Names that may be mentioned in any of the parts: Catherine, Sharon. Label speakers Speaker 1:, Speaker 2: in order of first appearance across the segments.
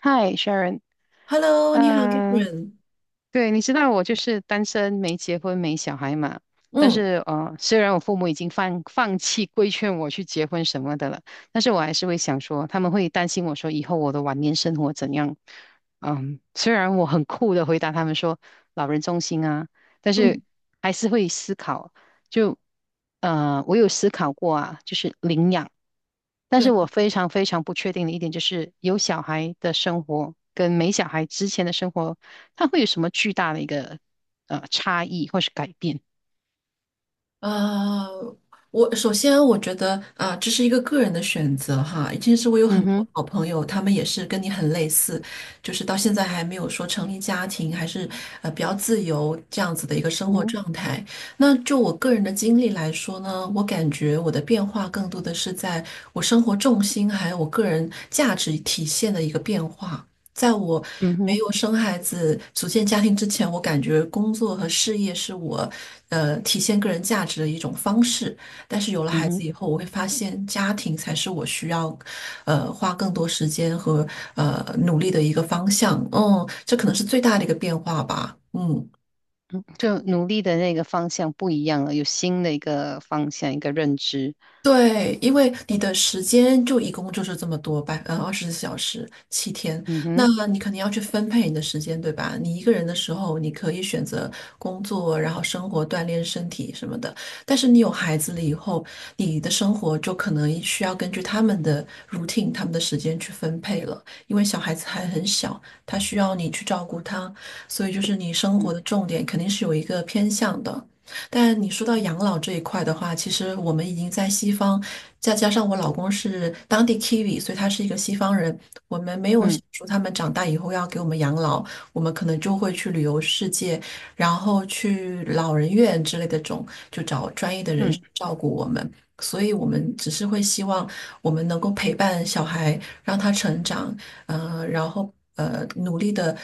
Speaker 1: 嗨，Sharon，
Speaker 2: Hello，你好
Speaker 1: 嗯、呃
Speaker 2: ，Catherine。
Speaker 1: 对，你知道我就是单身，没结婚，没小孩嘛。但
Speaker 2: 嗯
Speaker 1: 是，虽然我父母已经放弃规劝我去结婚什么的了，但是我还是会想说，他们会担心我说以后我的晚年生活怎样。虽然我很酷的回答他们说老人中心啊，但是
Speaker 2: 嗯
Speaker 1: 还是会思考。就，我有思考过啊，就是领养。但是
Speaker 2: 对，
Speaker 1: 我非常非常不确定的一点就是，有小孩的生活跟没小孩之前的生活，它会有什么巨大的一个差异或是改变？
Speaker 2: 呃，我首先我觉得啊、这是一个个人的选择哈。其实我有
Speaker 1: 嗯
Speaker 2: 很多
Speaker 1: 哼。
Speaker 2: 好朋友，他们也是跟你很类似，就是到现在还没有说成立家庭，还是比较自由这样子的一个生
Speaker 1: 嗯
Speaker 2: 活
Speaker 1: 哼。
Speaker 2: 状态。那就我个人的经历来说呢，我感觉我的变化更多的是在我生活重心还有我个人价值体现的一个变化。在我
Speaker 1: 嗯
Speaker 2: 没
Speaker 1: 哼。
Speaker 2: 有生孩子、组建家庭之前，我感觉工作和事业是我，体现个人价值的一种方式。但是有了
Speaker 1: 嗯
Speaker 2: 孩子
Speaker 1: 哼。
Speaker 2: 以后，我会发现家庭才是我需要，花更多时间和努力的一个方向。嗯，这可能是最大的一个变化吧。嗯。
Speaker 1: 就努力的那个方向不一样了，有新的一个方向，一个认知。
Speaker 2: 对，因为你的时间就一共就是这么多吧，嗯，24小时，7天，
Speaker 1: 嗯
Speaker 2: 那
Speaker 1: 哼。
Speaker 2: 你肯定要去分配你的时间，对吧？你一个人的时候，你可以选择工作，然后生活、锻炼身体什么的。但是你有孩子了以后，你的生活就可能需要根据他们的 routine、他们的时间去分配了，因为小孩子还很小，他需要你去照顾他，所以就是你生活
Speaker 1: 嗯。
Speaker 2: 的重点肯定是有一个偏向的。但你说到
Speaker 1: 嗯。
Speaker 2: 养老这一块的话，其实我们已经在西方，再加上我老公是当地 Kiwi，所以他是一个西方人，我们没有想
Speaker 1: 嗯。
Speaker 2: 说他们长大以后要给我们养老，我们可能就会去旅游世界，然后去老人院之类的种，就找专业的人士
Speaker 1: 嗯。
Speaker 2: 照顾我们。所以我们只是会希望我们能够陪伴小孩，让他成长，然后努力的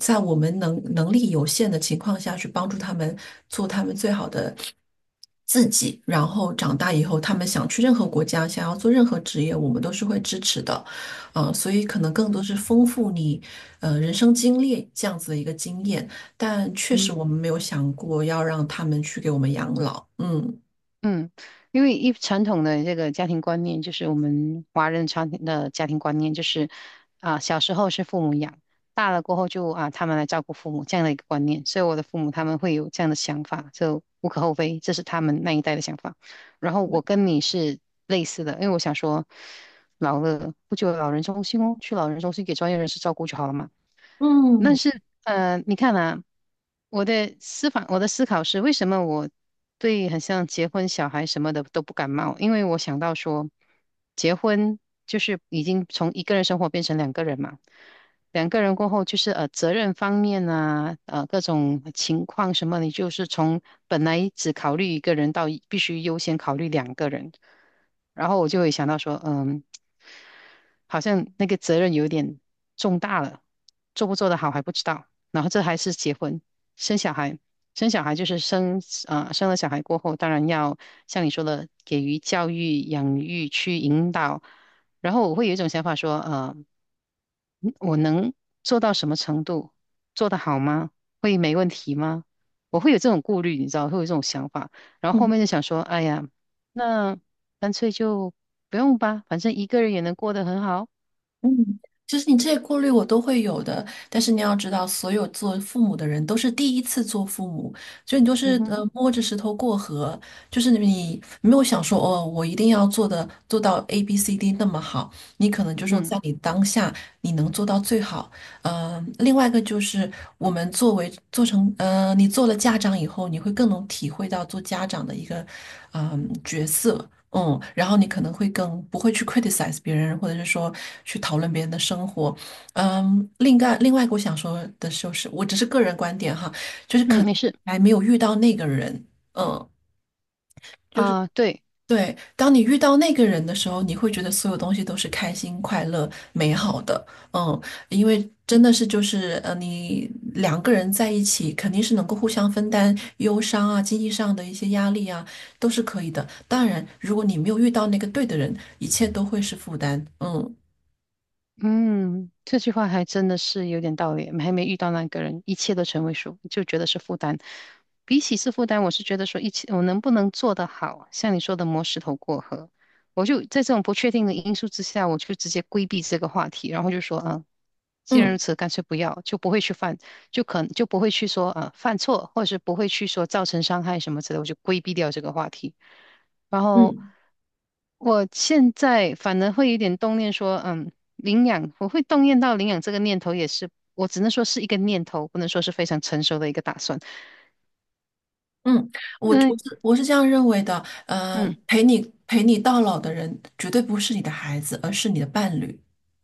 Speaker 2: 在我们能力有限的情况下去帮助他们做他们最好的自己，然后长大以后，他们想去任何国家，想要做任何职业，我们都是会支持的，啊、所以可能更多
Speaker 1: 嗯。
Speaker 2: 是丰富你人生经历这样子的一个经验，但确实
Speaker 1: 嗯。
Speaker 2: 我们没有想过要让他们去给我们养老，嗯。
Speaker 1: 嗯，因为一传统的这个家庭观念，就是我们华人传统的家庭观念，就是啊，小时候是父母养，大了过后就啊，他们来照顾父母这样的一个观念。所以我的父母他们会有这样的想法，就无可厚非，这是他们那一代的想法。然后我
Speaker 2: 嗯
Speaker 1: 跟你是类似的，因为我想说，老了不久有老人中心哦，去老人中心给专业人士照顾就好了嘛。那
Speaker 2: 嗯。
Speaker 1: 是，你看啊，我的思考是，为什么我对很像结婚、小孩什么的都不感冒？因为我想到说，结婚就是已经从一个人生活变成两个人嘛，两个人过后就是责任方面啊，各种情况什么，你就是从本来只考虑一个人到必须优先考虑两个人，然后我就会想到说，好像那个责任有点重大了，做不做得好还不知道。然后这还是结婚、生小孩，生小孩就是生啊，生了小孩过后，当然要像你说的，给予教育、养育、去引导。然后我会有一种想法说，我能做到什么程度？做得好吗？会没问题吗？我会有这种顾虑，你知道，会有这种想法。然后后面就想说，哎呀，那干脆就不用吧，反正一个人也能过得很好。
Speaker 2: 嗯，其实你这些顾虑我都会有的，但是你要知道，所有做父母的人都是第一次做父母，所以你就
Speaker 1: 嗯
Speaker 2: 是
Speaker 1: 哼。
Speaker 2: 摸着石头过河，就是你没有想说哦，我一定要做到 A B C D 那么好，你可能就说
Speaker 1: 嗯
Speaker 2: 在你当下你能做到最好。另外一个就是我们作为做成呃你做了家长以后，你会更能体会到做家长的一个角色，然后你可能会更不会去 criticize 别人，或者是说去讨论别人的生活。另外，我想说的就是，我只是个人观点哈，就是可
Speaker 1: 嗯。
Speaker 2: 能
Speaker 1: 没事
Speaker 2: 还没有遇到那个人，嗯，就是。
Speaker 1: 啊。对。
Speaker 2: 对，当你遇到那个人的时候，你会觉得所有东西都是开心、快乐、美好的。嗯，因为真的是就是你两个人在一起，肯定是能够互相分担忧伤啊、经济上的一些压力啊，都是可以的。当然，如果你没有遇到那个对的人，一切都会是负担。嗯
Speaker 1: 嗯，这句话还真的是有点道理，还没遇到那个人，一切都成为数，就觉得是负担。比起是负担，我是觉得说一起，我能不能做得好，像你说的磨石头过河，我就在这种不确定的因素之下，我就直接规避这个话题，然后就说，嗯，既然如
Speaker 2: 嗯。
Speaker 1: 此，干脆不要，就不会去犯，就可能就不会去说，犯错，或者是不会去说造成伤害什么之类的，我就规避掉这个话题。然后
Speaker 2: 嗯。
Speaker 1: 我现在反而会有点动念说，嗯，领养，我会动念到领养这个念头，也是我只能说是一个念头，不能说是非常成熟的一个打算。
Speaker 2: 嗯，我
Speaker 1: 嗯。
Speaker 2: 我是我是这样认为的，呃，
Speaker 1: 嗯。
Speaker 2: 陪你陪你到老的人绝对不是你的孩子，而是你的伴侣。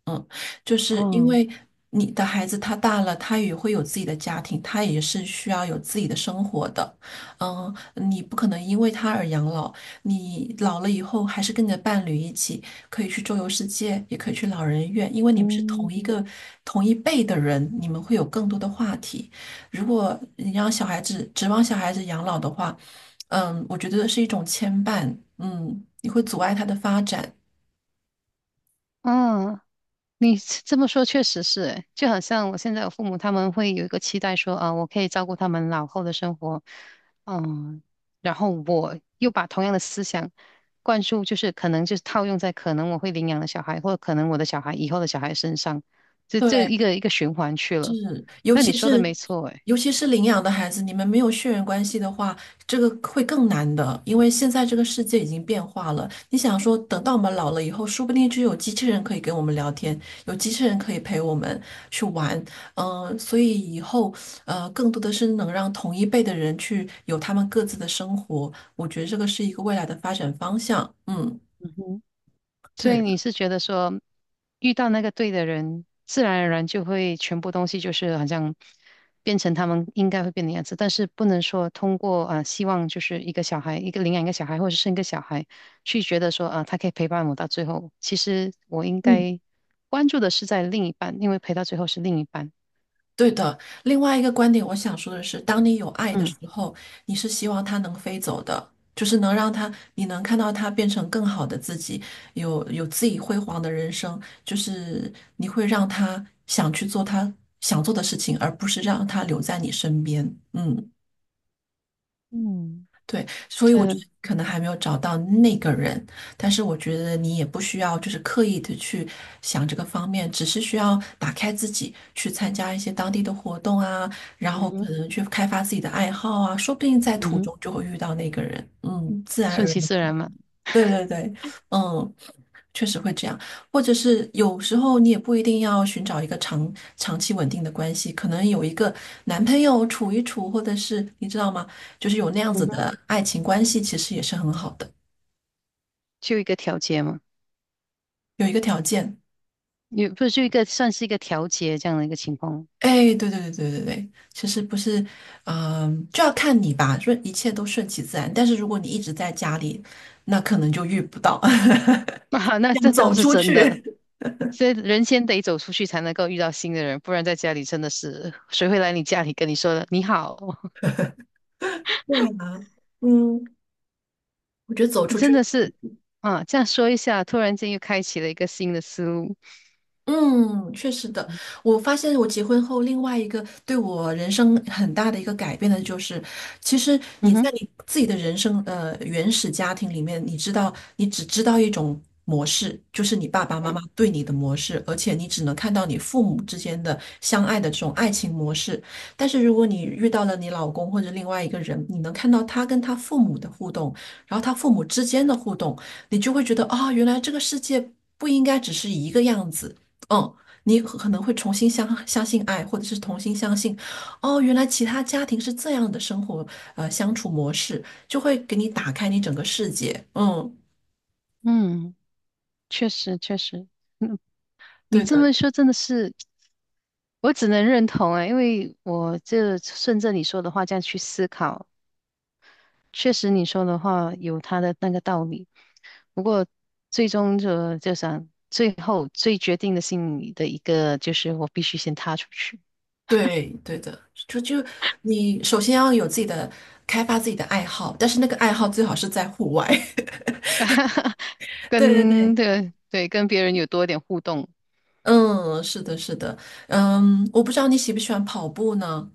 Speaker 2: 嗯，就是因
Speaker 1: 哦。
Speaker 2: 为你的孩子他大了，他也会有自己的家庭，他也是需要有自己的生活的。你不可能因为他而养老，你老了以后还是跟你的伴侣一起可以去周游世界，也可以去老人院，因为你们是同一
Speaker 1: 嗯。
Speaker 2: 个同一辈的人，你们会有更多的话题。如果你让小孩子指望小孩子养老的话，我觉得是一种牵绊，你会阻碍他的发展。
Speaker 1: 嗯，你这么说确实是诶，就好像我现在有父母，他们会有一个期待说，啊，我可以照顾他们老后的生活，嗯，然后我又把同样的思想灌输，就是可能就是套用在可能我会领养的小孩，或者可能我的小孩以后的小孩身上，这一
Speaker 2: 对，
Speaker 1: 个一个循环去了。
Speaker 2: 是，尤
Speaker 1: 那你
Speaker 2: 其
Speaker 1: 说的
Speaker 2: 是
Speaker 1: 没错，诶。
Speaker 2: 尤其是领养的孩子，你们没有血缘关系的话，这个会更难的，因为现在这个世界已经变化了。你想说，等到我们老了以后，说不定就有机器人可以跟我们聊天，有机器人可以陪我们去玩，所以以后更多的是能让同一辈的人去有他们各自的生活，我觉得这个是一个未来的发展方向。嗯，
Speaker 1: 所
Speaker 2: 对
Speaker 1: 以你
Speaker 2: 的。
Speaker 1: 是觉得说，遇到那个对的人，自然而然就会全部东西就是好像变成他们应该会变的样子，但是不能说通过啊、希望就是一个小孩，一个领养一个小孩，或者是生一个小孩，去觉得说啊、他可以陪伴我到最后。其实我应该关注的是在另一半，因为陪到最后是另一半。
Speaker 2: 对的，另外一个观点，我想说的是，当你有爱的时
Speaker 1: 嗯。
Speaker 2: 候，你是希望它能飞走的，就是能让它，你能看到它变成更好的自己，有自己辉煌的人生，就是你会让他想去做他想做的事情，而不是让他留在你身边。嗯
Speaker 1: 嗯。
Speaker 2: 对，所以我
Speaker 1: 这
Speaker 2: 觉
Speaker 1: 嗯
Speaker 2: 得可能还没有找到那个人，但是我觉得你也不需要就是刻意的去想这个方面，只是需要打开自己，去参加一些当地的活动啊，然后可
Speaker 1: 哼
Speaker 2: 能去开发自己的爱好啊，说不定在
Speaker 1: 嗯
Speaker 2: 途
Speaker 1: 哼，
Speaker 2: 中就会遇到那个人，自然
Speaker 1: 顺
Speaker 2: 而然。
Speaker 1: 其自然嘛。
Speaker 2: 对对对，嗯，确实会这样，或者是有时候你也不一定要寻找一个长期稳定的关系，可能有一个男朋友处一处，或者是你知道吗？就是有那样子
Speaker 1: 嗯哼。
Speaker 2: 的爱情关系，其实也是很好的。
Speaker 1: 就一个调节嘛，
Speaker 2: 有一个条件，
Speaker 1: 也不是就一个算是一个调节这样的一个情况。
Speaker 2: 哎，对对对对对对，其实不是，就要看你吧，一切都顺其自然。但是如果你一直在家里，那可能就遇不到，
Speaker 1: 啊，那
Speaker 2: 要
Speaker 1: 这倒
Speaker 2: 走
Speaker 1: 是
Speaker 2: 出
Speaker 1: 真的，
Speaker 2: 去。
Speaker 1: 所以人先得走出去才能够遇到新的人，不然在家里真的是 谁会来你家里跟你说你好？
Speaker 2: 对呀，嗯，我觉得走出去。
Speaker 1: 真的是啊，这样说一下，突然间又开启了一个新的思路。
Speaker 2: 嗯，确实的。我发现我结婚后，另外一个对我人生很大的一个改变的就是，其实你
Speaker 1: 嗯
Speaker 2: 在
Speaker 1: 哼。
Speaker 2: 你自己的人生原始家庭里面，你知道你只知道一种模式，就是你爸爸妈
Speaker 1: 嗯
Speaker 2: 妈对你的模式，而且你只能看到你父母之间的相爱的这种爱情模式。但是如果你遇到了你老公或者另外一个人，你能看到他跟他父母的互动，然后他父母之间的互动，你就会觉得啊、原来这个世界。不应该只是一个样子，嗯，你可能会重新相信爱，或者是重新相信，哦，原来其他家庭是这样的生活，相处模式，就会给你打开你整个世界。嗯，
Speaker 1: 嗯。确实确实，你
Speaker 2: 对
Speaker 1: 这
Speaker 2: 的，
Speaker 1: 么说真的是，我只能认同啊，因为我这顺着你说的话这样去思考，确实你说的话有他的那个道理。不过最终就想，最后最决定的心理的一个就是我必须先踏出去。
Speaker 2: 对对的，就你首先要有自己的开发自己的爱好，但是那个爱好最好是在户外。对对对，
Speaker 1: 对对，跟别人有多点互动，
Speaker 2: 嗯，是的，是的，我不知道你喜不喜欢跑步呢？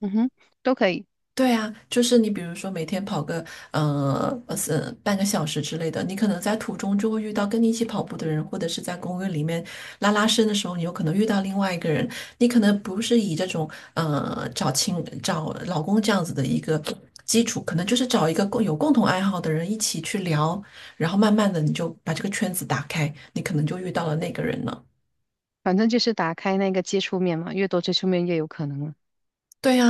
Speaker 1: 嗯哼，都可以，
Speaker 2: 对啊，就是你比如说每天跑个是半个小时之类的，你可能在途中就会遇到跟你一起跑步的人，或者是在公园里面拉伸的时候，你有可能遇到另外一个人，你可能不是以这种找老公这样子的一个基础，可能就是找一个共同爱好的人一起去聊，然后慢慢的你就把这个圈子打开，你可能就遇到了那个人了。
Speaker 1: 反正就是打开那个接触面嘛，越多接触面越有可能了。
Speaker 2: 对呀，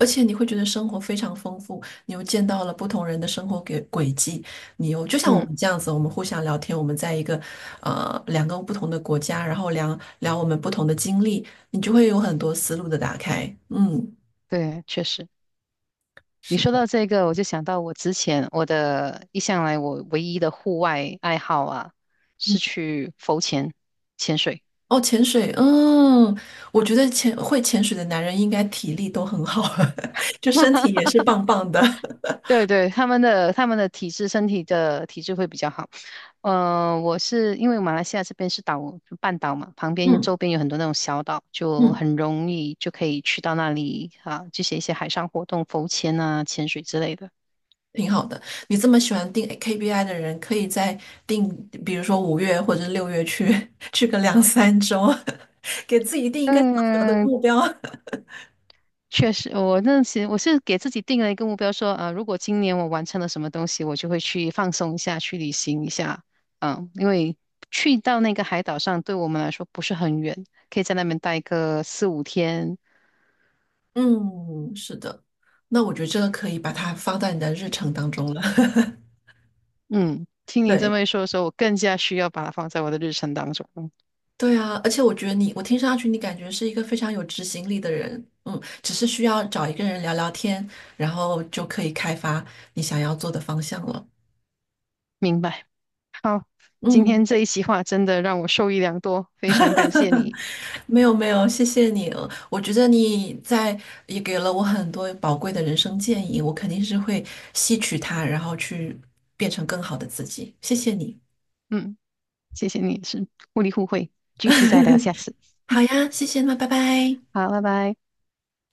Speaker 2: 而且你会觉得生活非常丰富，你又见到了不同人的生活轨迹，你又就像我
Speaker 1: 嗯。
Speaker 2: 们这样子，我们互相聊天，我们在两个不同的国家，然后聊聊我们不同的经历，你就会有很多思路的打开。嗯，
Speaker 1: 对。确实。你
Speaker 2: 是
Speaker 1: 说到
Speaker 2: 的，
Speaker 1: 这个，我就想到我之前我的一向来我唯一的户外爱好啊，
Speaker 2: 嗯，
Speaker 1: 是去浮潜、潜水。
Speaker 2: 哦，潜水，我觉得会潜水的男人应该体力都很好，就身体也是棒棒的。
Speaker 1: 对对，他们的体质，身体的体质会比较好。我是因为马来西亚这边是岛，就半岛嘛，旁边
Speaker 2: 嗯
Speaker 1: 周边有很多那种小岛，就
Speaker 2: 嗯。
Speaker 1: 很容易就可以去到那里啊，这些一些海上活动，浮潜啊、潜水之类的。
Speaker 2: 挺好的。你这么喜欢定 KPI 的人，可以再定，比如说5月或者6月去 去个两三周，给自己定一个小小的
Speaker 1: 嗯，
Speaker 2: 目标。
Speaker 1: 确实，我那时是给自己定了一个目标说，如果今年我完成了什么东西，我就会去放松一下，去旅行一下。因为去到那个海岛上，对我们来说不是很远，可以在那边待个四五天。
Speaker 2: 嗯，是的。那我觉得这个可以把它放在你的日程当中了。
Speaker 1: 嗯，听你这
Speaker 2: 对
Speaker 1: 么一说的时候，我更加需要把它放在我的日程当中。嗯
Speaker 2: 对啊，而且我听上去你感觉是一个非常有执行力的人，只是需要找一个人聊聊天，然后就可以开发你想要做的方向了。
Speaker 1: 明白。好，今
Speaker 2: 嗯，
Speaker 1: 天这一席话真的让我受益良多，非常感谢你。
Speaker 2: 没有没有，谢谢你。我觉得也给了我很多宝贵的人生建议，我肯定是会吸取它，然后去变成更好的自己。谢谢你。
Speaker 1: 嗯，谢谢你是互利互惠，继续再聊下 次。
Speaker 2: 好呀，谢谢，那拜拜。
Speaker 1: 好，拜拜。